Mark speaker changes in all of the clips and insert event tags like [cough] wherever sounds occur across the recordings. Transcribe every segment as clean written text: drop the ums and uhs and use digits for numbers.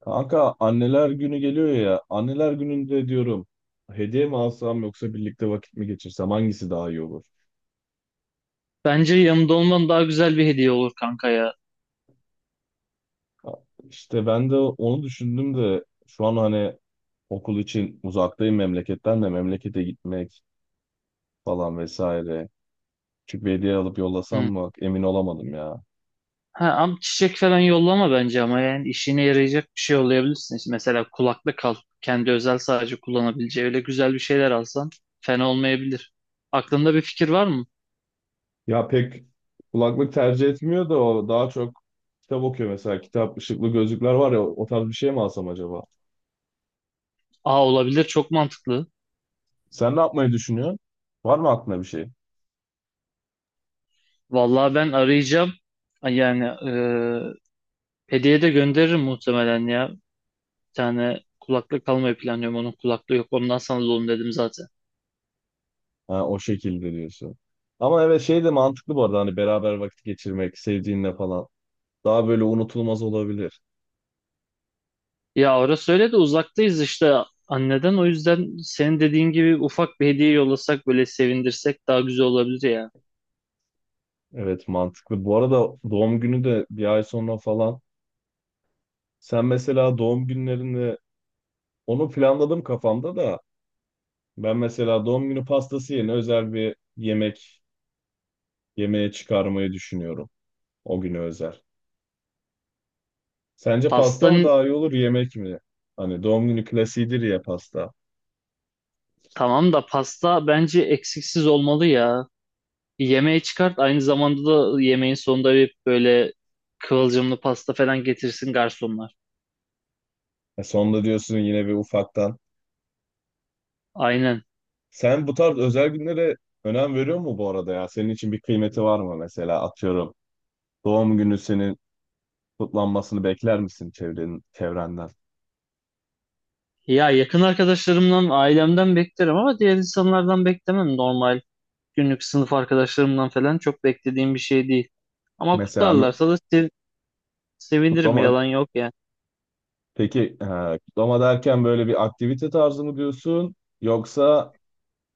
Speaker 1: Kanka anneler günü geliyor ya. Anneler gününde diyorum hediye mi alsam yoksa birlikte vakit mi geçirsem hangisi daha iyi olur?
Speaker 2: Bence yanımda olman daha güzel bir hediye olur kanka ya.
Speaker 1: Ha, İşte ben de onu düşündüm de şu an hani okul için uzaktayım memleketten de memlekete gitmek falan vesaire. Küçük bir hediye alıp yollasam
Speaker 2: Hı.
Speaker 1: mı emin olamadım ya.
Speaker 2: Ha, ama çiçek falan yollama bence ama yani işine yarayacak bir şey yollayabilirsin. İşte mesela kulaklık al. Kendi özel sadece kullanabileceği öyle güzel bir şeyler alsan fena olmayabilir. Aklında bir fikir var mı?
Speaker 1: Ya pek kulaklık tercih etmiyor da o daha çok kitap okuyor mesela. Kitap, ışıklı gözlükler var ya o tarz bir şey mi alsam acaba?
Speaker 2: Aa olabilir, çok mantıklı.
Speaker 1: Sen ne yapmayı düşünüyorsun? Var mı aklına bir şey?
Speaker 2: Vallahi ben arayacağım. Yani hediye de gönderirim muhtemelen ya. Bir tane kulaklık almayı planlıyorum. Onun kulaklığı yok. Ondan sana alalım dedim zaten.
Speaker 1: Ha, o şekilde diyorsun. Ama evet şey de mantıklı bu arada hani beraber vakit geçirmek sevdiğinle falan. Daha böyle unutulmaz olabilir.
Speaker 2: Ya orası öyle de uzaktayız işte anneden. O yüzden senin dediğin gibi ufak bir hediye yollasak, böyle sevindirsek daha güzel olabilir ya.
Speaker 1: Evet mantıklı. Bu arada doğum günü de bir ay sonra falan. Sen mesela doğum günlerini onu planladım kafamda da ben mesela doğum günü pastası yerine özel bir yemek yemeğe çıkarmayı düşünüyorum. O güne özel. Sence
Speaker 2: Pasta
Speaker 1: pasta mı daha iyi olur yemek mi? Hani doğum günü klasiğidir ya pasta.
Speaker 2: tamam da pasta bence eksiksiz olmalı ya. Bir yemeği çıkart, aynı zamanda da yemeğin sonunda bir böyle kıvılcımlı pasta falan getirsin garsonlar.
Speaker 1: E sonunda diyorsun yine bir ufaktan.
Speaker 2: Aynen.
Speaker 1: Sen bu tarz özel günlere önem veriyor mu bu arada ya? Senin için bir kıymeti var mı mesela atıyorum. Doğum günü senin kutlanmasını bekler misin çevrenin, çevrenden?
Speaker 2: Ya yakın arkadaşlarımdan, ailemden beklerim ama diğer insanlardan beklemem, normal. Günlük sınıf arkadaşlarımdan falan çok beklediğim bir şey değil. Ama
Speaker 1: Mesela
Speaker 2: kutlarlarsa da sevinirim,
Speaker 1: kutlama.
Speaker 2: yalan yok ya.
Speaker 1: Peki, kutlama derken böyle bir aktivite tarzı mı diyorsun? Yoksa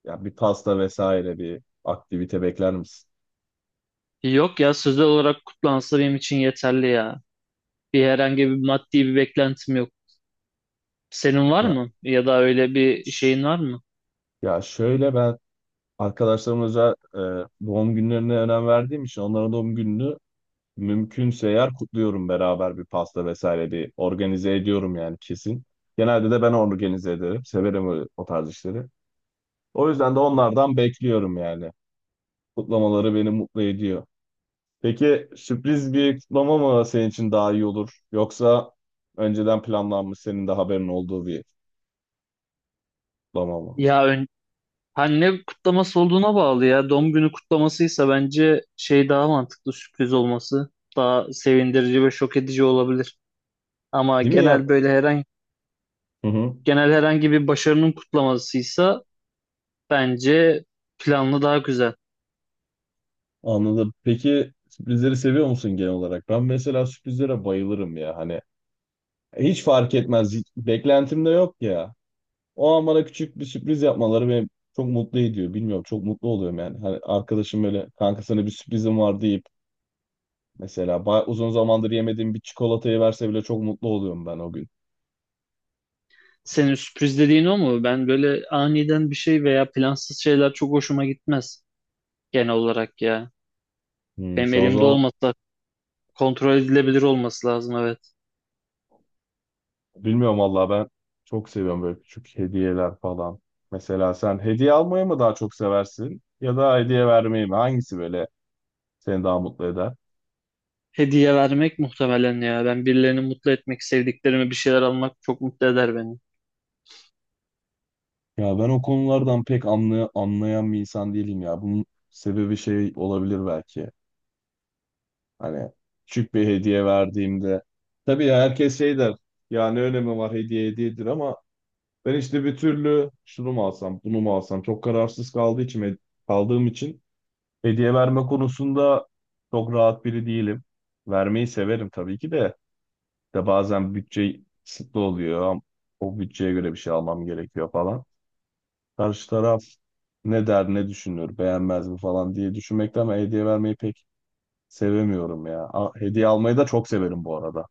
Speaker 1: ya bir pasta vesaire bir aktivite bekler misin?
Speaker 2: Yok ya, sözel olarak kutlansa benim için yeterli ya. Bir herhangi bir maddi bir beklentim yok. Senin var
Speaker 1: Ya
Speaker 2: mı? Ya da öyle bir şeyin
Speaker 1: ş-
Speaker 2: var mı?
Speaker 1: ya şöyle ben arkadaşlarım özel doğum günlerine önem verdiğim için onların doğum gününü mümkünse eğer kutluyorum beraber bir pasta vesaire bir organize ediyorum yani kesin. Genelde de ben organize ederim. Severim o tarz işleri. O yüzden de onlardan bekliyorum yani. Kutlamaları beni mutlu ediyor. Peki sürpriz bir kutlama mı senin için daha iyi olur? Yoksa önceden planlanmış senin de haberin olduğu bir kutlama mı?
Speaker 2: Ya ön... ha, ne kutlaması olduğuna bağlı ya. Doğum günü kutlamasıysa bence şey daha mantıklı, sürpriz olması. Daha sevindirici ve şok edici olabilir. Ama
Speaker 1: Değil mi ya?
Speaker 2: genel böyle herhangi
Speaker 1: Hı hı.
Speaker 2: genel herhangi bir başarının kutlamasıysa bence planlı daha güzel.
Speaker 1: Anladım. Peki sürprizleri seviyor musun genel olarak? Ben mesela sürprizlere bayılırım ya. Hani hiç fark etmez. Beklentim de yok ya. O an bana küçük bir sürpriz yapmaları beni çok mutlu ediyor. Bilmiyorum çok mutlu oluyorum yani. Hani arkadaşım böyle kanka sana bir sürprizim var deyip mesela uzun zamandır yemediğim bir çikolatayı verse bile çok mutlu oluyorum ben o gün.
Speaker 2: Senin sürpriz dediğin o mu? Ben böyle aniden bir şey veya plansız şeyler çok hoşuma gitmez genel olarak ya.
Speaker 1: Hmm,
Speaker 2: Benim
Speaker 1: sen o
Speaker 2: elimde
Speaker 1: zaman
Speaker 2: olmasa, kontrol edilebilir olması lazım, evet.
Speaker 1: bilmiyorum vallahi ben çok seviyorum böyle küçük hediyeler falan. Mesela sen hediye almayı mı daha çok seversin ya da hediye vermeyi mi? Hangisi böyle seni daha mutlu eder?
Speaker 2: Hediye vermek muhtemelen ya. Ben birilerini mutlu etmek, sevdiklerime bir şeyler almak çok mutlu eder beni.
Speaker 1: Ya ben o konulardan pek anlayan bir insan değilim ya. Bunun sebebi şey olabilir belki. Hani küçük bir hediye verdiğimde. Tabii ya herkes şey der. Ya ne önemi var hediye hediyedir ama ben işte bir türlü şunu mu alsam bunu mu alsam çok kararsız kaldığım için hediye verme konusunda çok rahat biri değilim. Vermeyi severim tabii ki de. De bazen bütçe kısıtlı oluyor. O bütçeye göre bir şey almam gerekiyor falan. Karşı taraf ne der ne düşünür beğenmez mi falan diye düşünmekten ben hediye vermeyi pek sevemiyorum ya. Hediye almayı da çok severim bu arada.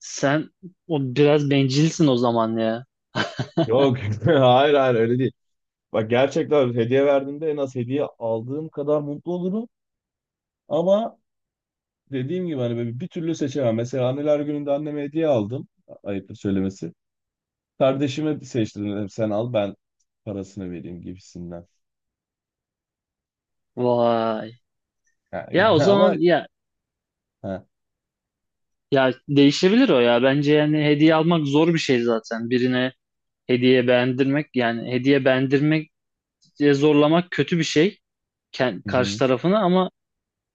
Speaker 2: Sen o biraz bencilsin o zaman ya. [laughs]
Speaker 1: Yok [laughs] hayır, hayır, öyle değil. Bak gerçekten hediye verdiğimde en az hediye aldığım kadar mutlu olurum. Ama dediğim gibi hani böyle bir türlü seçemem. Mesela anneler gününde anneme hediye aldım. Ayıptır söylemesi. Kardeşime seçtim dedim sen al ben parasını vereyim gibisinden.
Speaker 2: Vay.
Speaker 1: Ha, [laughs]
Speaker 2: Ya o
Speaker 1: yani, ama
Speaker 2: zaman ya,
Speaker 1: ha.
Speaker 2: ya değişebilir o ya. Bence yani hediye almak zor bir şey zaten. Birine hediye beğendirmek, yani hediye beğendirmek diye zorlamak kötü bir şey. Ken-
Speaker 1: Hı
Speaker 2: karşı
Speaker 1: hı.
Speaker 2: tarafını ama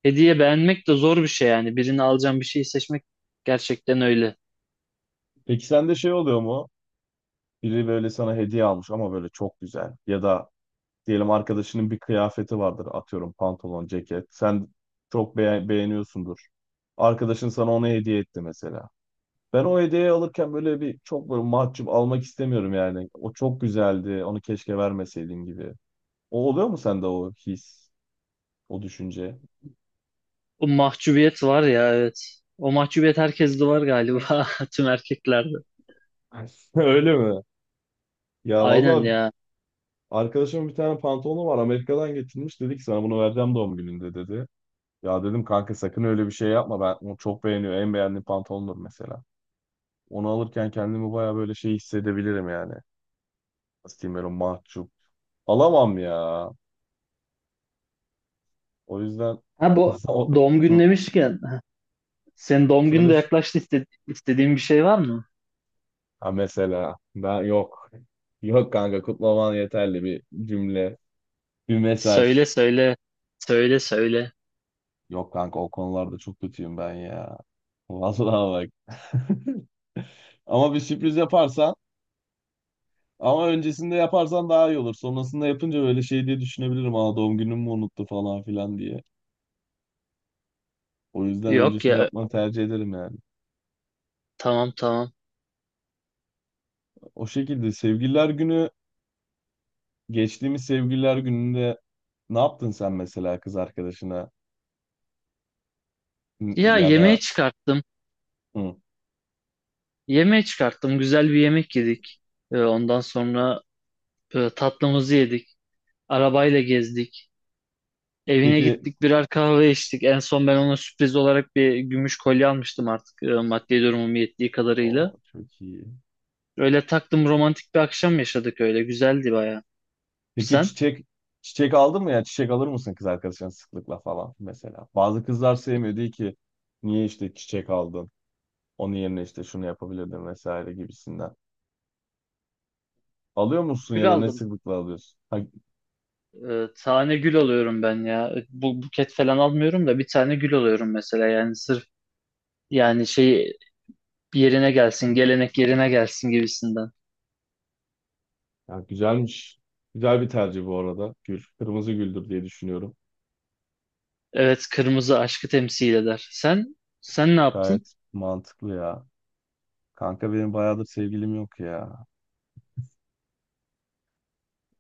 Speaker 2: hediye beğenmek de zor bir şey yani. Birini alacağım bir şeyi seçmek gerçekten öyle.
Speaker 1: Peki sende şey oluyor mu? Biri böyle sana hediye almış ama böyle çok güzel. Ya da diyelim arkadaşının bir kıyafeti vardır atıyorum pantolon, ceket. Sen çok beğeniyorsundur. Arkadaşın sana onu hediye etti mesela. Ben o hediyeyi alırken böyle bir çok böyle mahcup almak istemiyorum yani. O çok güzeldi, onu keşke vermeseydin gibi. O oluyor mu sende o his, o düşünce?
Speaker 2: O mahcubiyet var ya, evet. O mahcubiyet herkeste var galiba, [laughs] tüm erkeklerde.
Speaker 1: [laughs] Öyle mi? Ya
Speaker 2: Aynen
Speaker 1: valla
Speaker 2: ya.
Speaker 1: arkadaşımın bir tane pantolonu var, Amerika'dan getirmiş. Dedi ki sana bunu vereceğim doğum gününde dedi. Ya dedim kanka sakın öyle bir şey yapma, ben onu çok beğeniyor. En beğendiğim pantolondur mesela. Onu alırken kendimi baya böyle şey hissedebilirim yani. Nasıl diyeyim, böyle mahcup. Alamam ya. O yüzden
Speaker 2: Ha bu
Speaker 1: [laughs] o...
Speaker 2: doğum günü
Speaker 1: Hı.
Speaker 2: demişken heh, senin doğum günü de
Speaker 1: Söyle.
Speaker 2: yaklaştı. İste- istediğin bir şey var mı?
Speaker 1: Ha, mesela ben yok. Yok kanka, kutlaman yeterli. Bir cümle, bir
Speaker 2: Söyle
Speaker 1: mesaj.
Speaker 2: söyle. Söyle söyle.
Speaker 1: Yok kanka, o konularda çok kötüyüm ben ya. Vallahi bak. [laughs] Ama bir sürpriz yaparsan, ama öncesinde yaparsan daha iyi olur. Sonrasında yapınca böyle şey diye düşünebilirim. Aa, doğum günümü mü unuttu falan filan diye. O yüzden
Speaker 2: Yok
Speaker 1: öncesinde
Speaker 2: ya,
Speaker 1: yapmanı tercih ederim yani.
Speaker 2: tamam tamam.
Speaker 1: O şekilde sevgililer günü geçtiğimiz sevgililer gününde ne yaptın sen mesela kız arkadaşına? Hı,
Speaker 2: Ya
Speaker 1: ya
Speaker 2: yemeğe
Speaker 1: da
Speaker 2: çıkarttım.
Speaker 1: hı.
Speaker 2: Yemeğe çıkarttım. Güzel bir yemek yedik. Ondan sonra tatlımızı yedik. Arabayla gezdik. Evine
Speaker 1: Peki
Speaker 2: gittik, birer kahve
Speaker 1: çi-
Speaker 2: içtik. En son ben ona sürpriz olarak bir gümüş kolye almıştım artık, maddi durumum yettiği kadarıyla.
Speaker 1: Oo, çok iyi.
Speaker 2: Öyle taktım, romantik bir akşam yaşadık öyle. Güzeldi baya.
Speaker 1: Peki
Speaker 2: Sen?
Speaker 1: çiçek aldın mı, ya çiçek alır mısın kız arkadaşına sıklıkla falan mesela? Bazı kızlar sevmiyor, diyor ki niye işte çiçek aldın, onun yerine işte şunu yapabilirdin vesaire gibisinden. Alıyor musun ya
Speaker 2: Gül
Speaker 1: da ne
Speaker 2: aldım.
Speaker 1: sıklıkla alıyorsun? Ha,
Speaker 2: E, tane gül alıyorum ben ya. E, bu buket falan almıyorum da bir tane gül alıyorum mesela. Yani sırf yani şey yerine gelsin, gelenek yerine gelsin gibisinden.
Speaker 1: ya güzelmiş. Güzel bir tercih bu arada. Gül. Kırmızı güldür diye düşünüyorum.
Speaker 2: Evet, kırmızı aşkı temsil eder. Sen ne yaptın?
Speaker 1: Gayet mantıklı ya. Kanka benim bayağıdır sevgilim yok ya.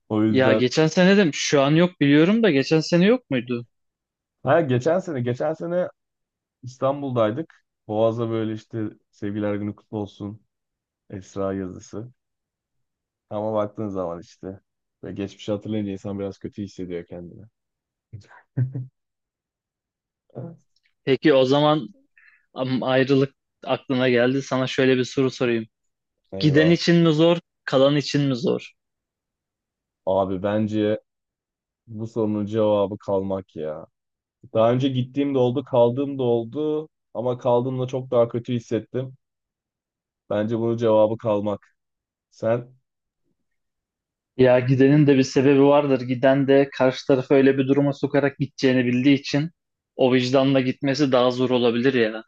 Speaker 1: O
Speaker 2: Ya
Speaker 1: yüzden
Speaker 2: geçen sene de şu an yok biliyorum da geçen sene yok muydu?
Speaker 1: ha, geçen sene İstanbul'daydık. Boğaz'da böyle işte sevgiler günü kutlu olsun Esra yazısı. Ama baktığın zaman işte ve geçmişi hatırlayınca insan biraz kötü hissediyor kendini. [laughs] Evet.
Speaker 2: Peki o zaman am- ayrılık aklına geldi. Sana şöyle bir soru sorayım. Giden
Speaker 1: Eyvah.
Speaker 2: için mi zor, kalan için mi zor?
Speaker 1: Abi bence bu sorunun cevabı kalmak ya. Daha önce gittiğim de oldu, kaldığım da oldu, ama kaldığımda çok daha kötü hissettim. Bence bunun cevabı kalmak. Sen
Speaker 2: Ya gidenin de bir sebebi vardır. Giden de karşı tarafı öyle bir duruma sokarak gideceğini bildiği için o vicdanla gitmesi daha zor olabilir ya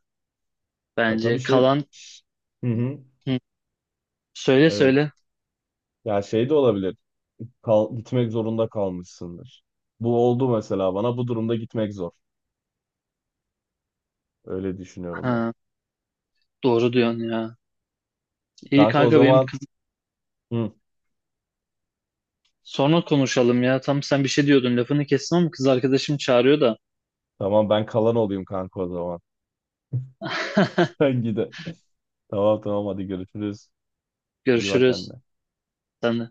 Speaker 1: ya tabii
Speaker 2: bence.
Speaker 1: şey
Speaker 2: Kalan.
Speaker 1: Hı hı.
Speaker 2: Hı. Söyle
Speaker 1: Evet.
Speaker 2: söyle.
Speaker 1: Ya şey de olabilir. Gitmek zorunda kalmışsındır. Bu oldu mesela bana. Bu durumda gitmek zor. Öyle düşünüyorum ben.
Speaker 2: Ha, doğru diyorsun ya. İyi
Speaker 1: Kanka o
Speaker 2: kanka, benim
Speaker 1: zaman,
Speaker 2: kız
Speaker 1: hı,
Speaker 2: sonra konuşalım ya. Tam sen bir şey diyordun lafını kestim ama kız arkadaşım çağırıyor da.
Speaker 1: tamam, ben kalan olayım kanka o zaman. [laughs]
Speaker 2: [laughs]
Speaker 1: Sen gide. Tamam, tamam, hadi görüşürüz. İyi bak
Speaker 2: Görüşürüz.
Speaker 1: kendine.
Speaker 2: Sen de.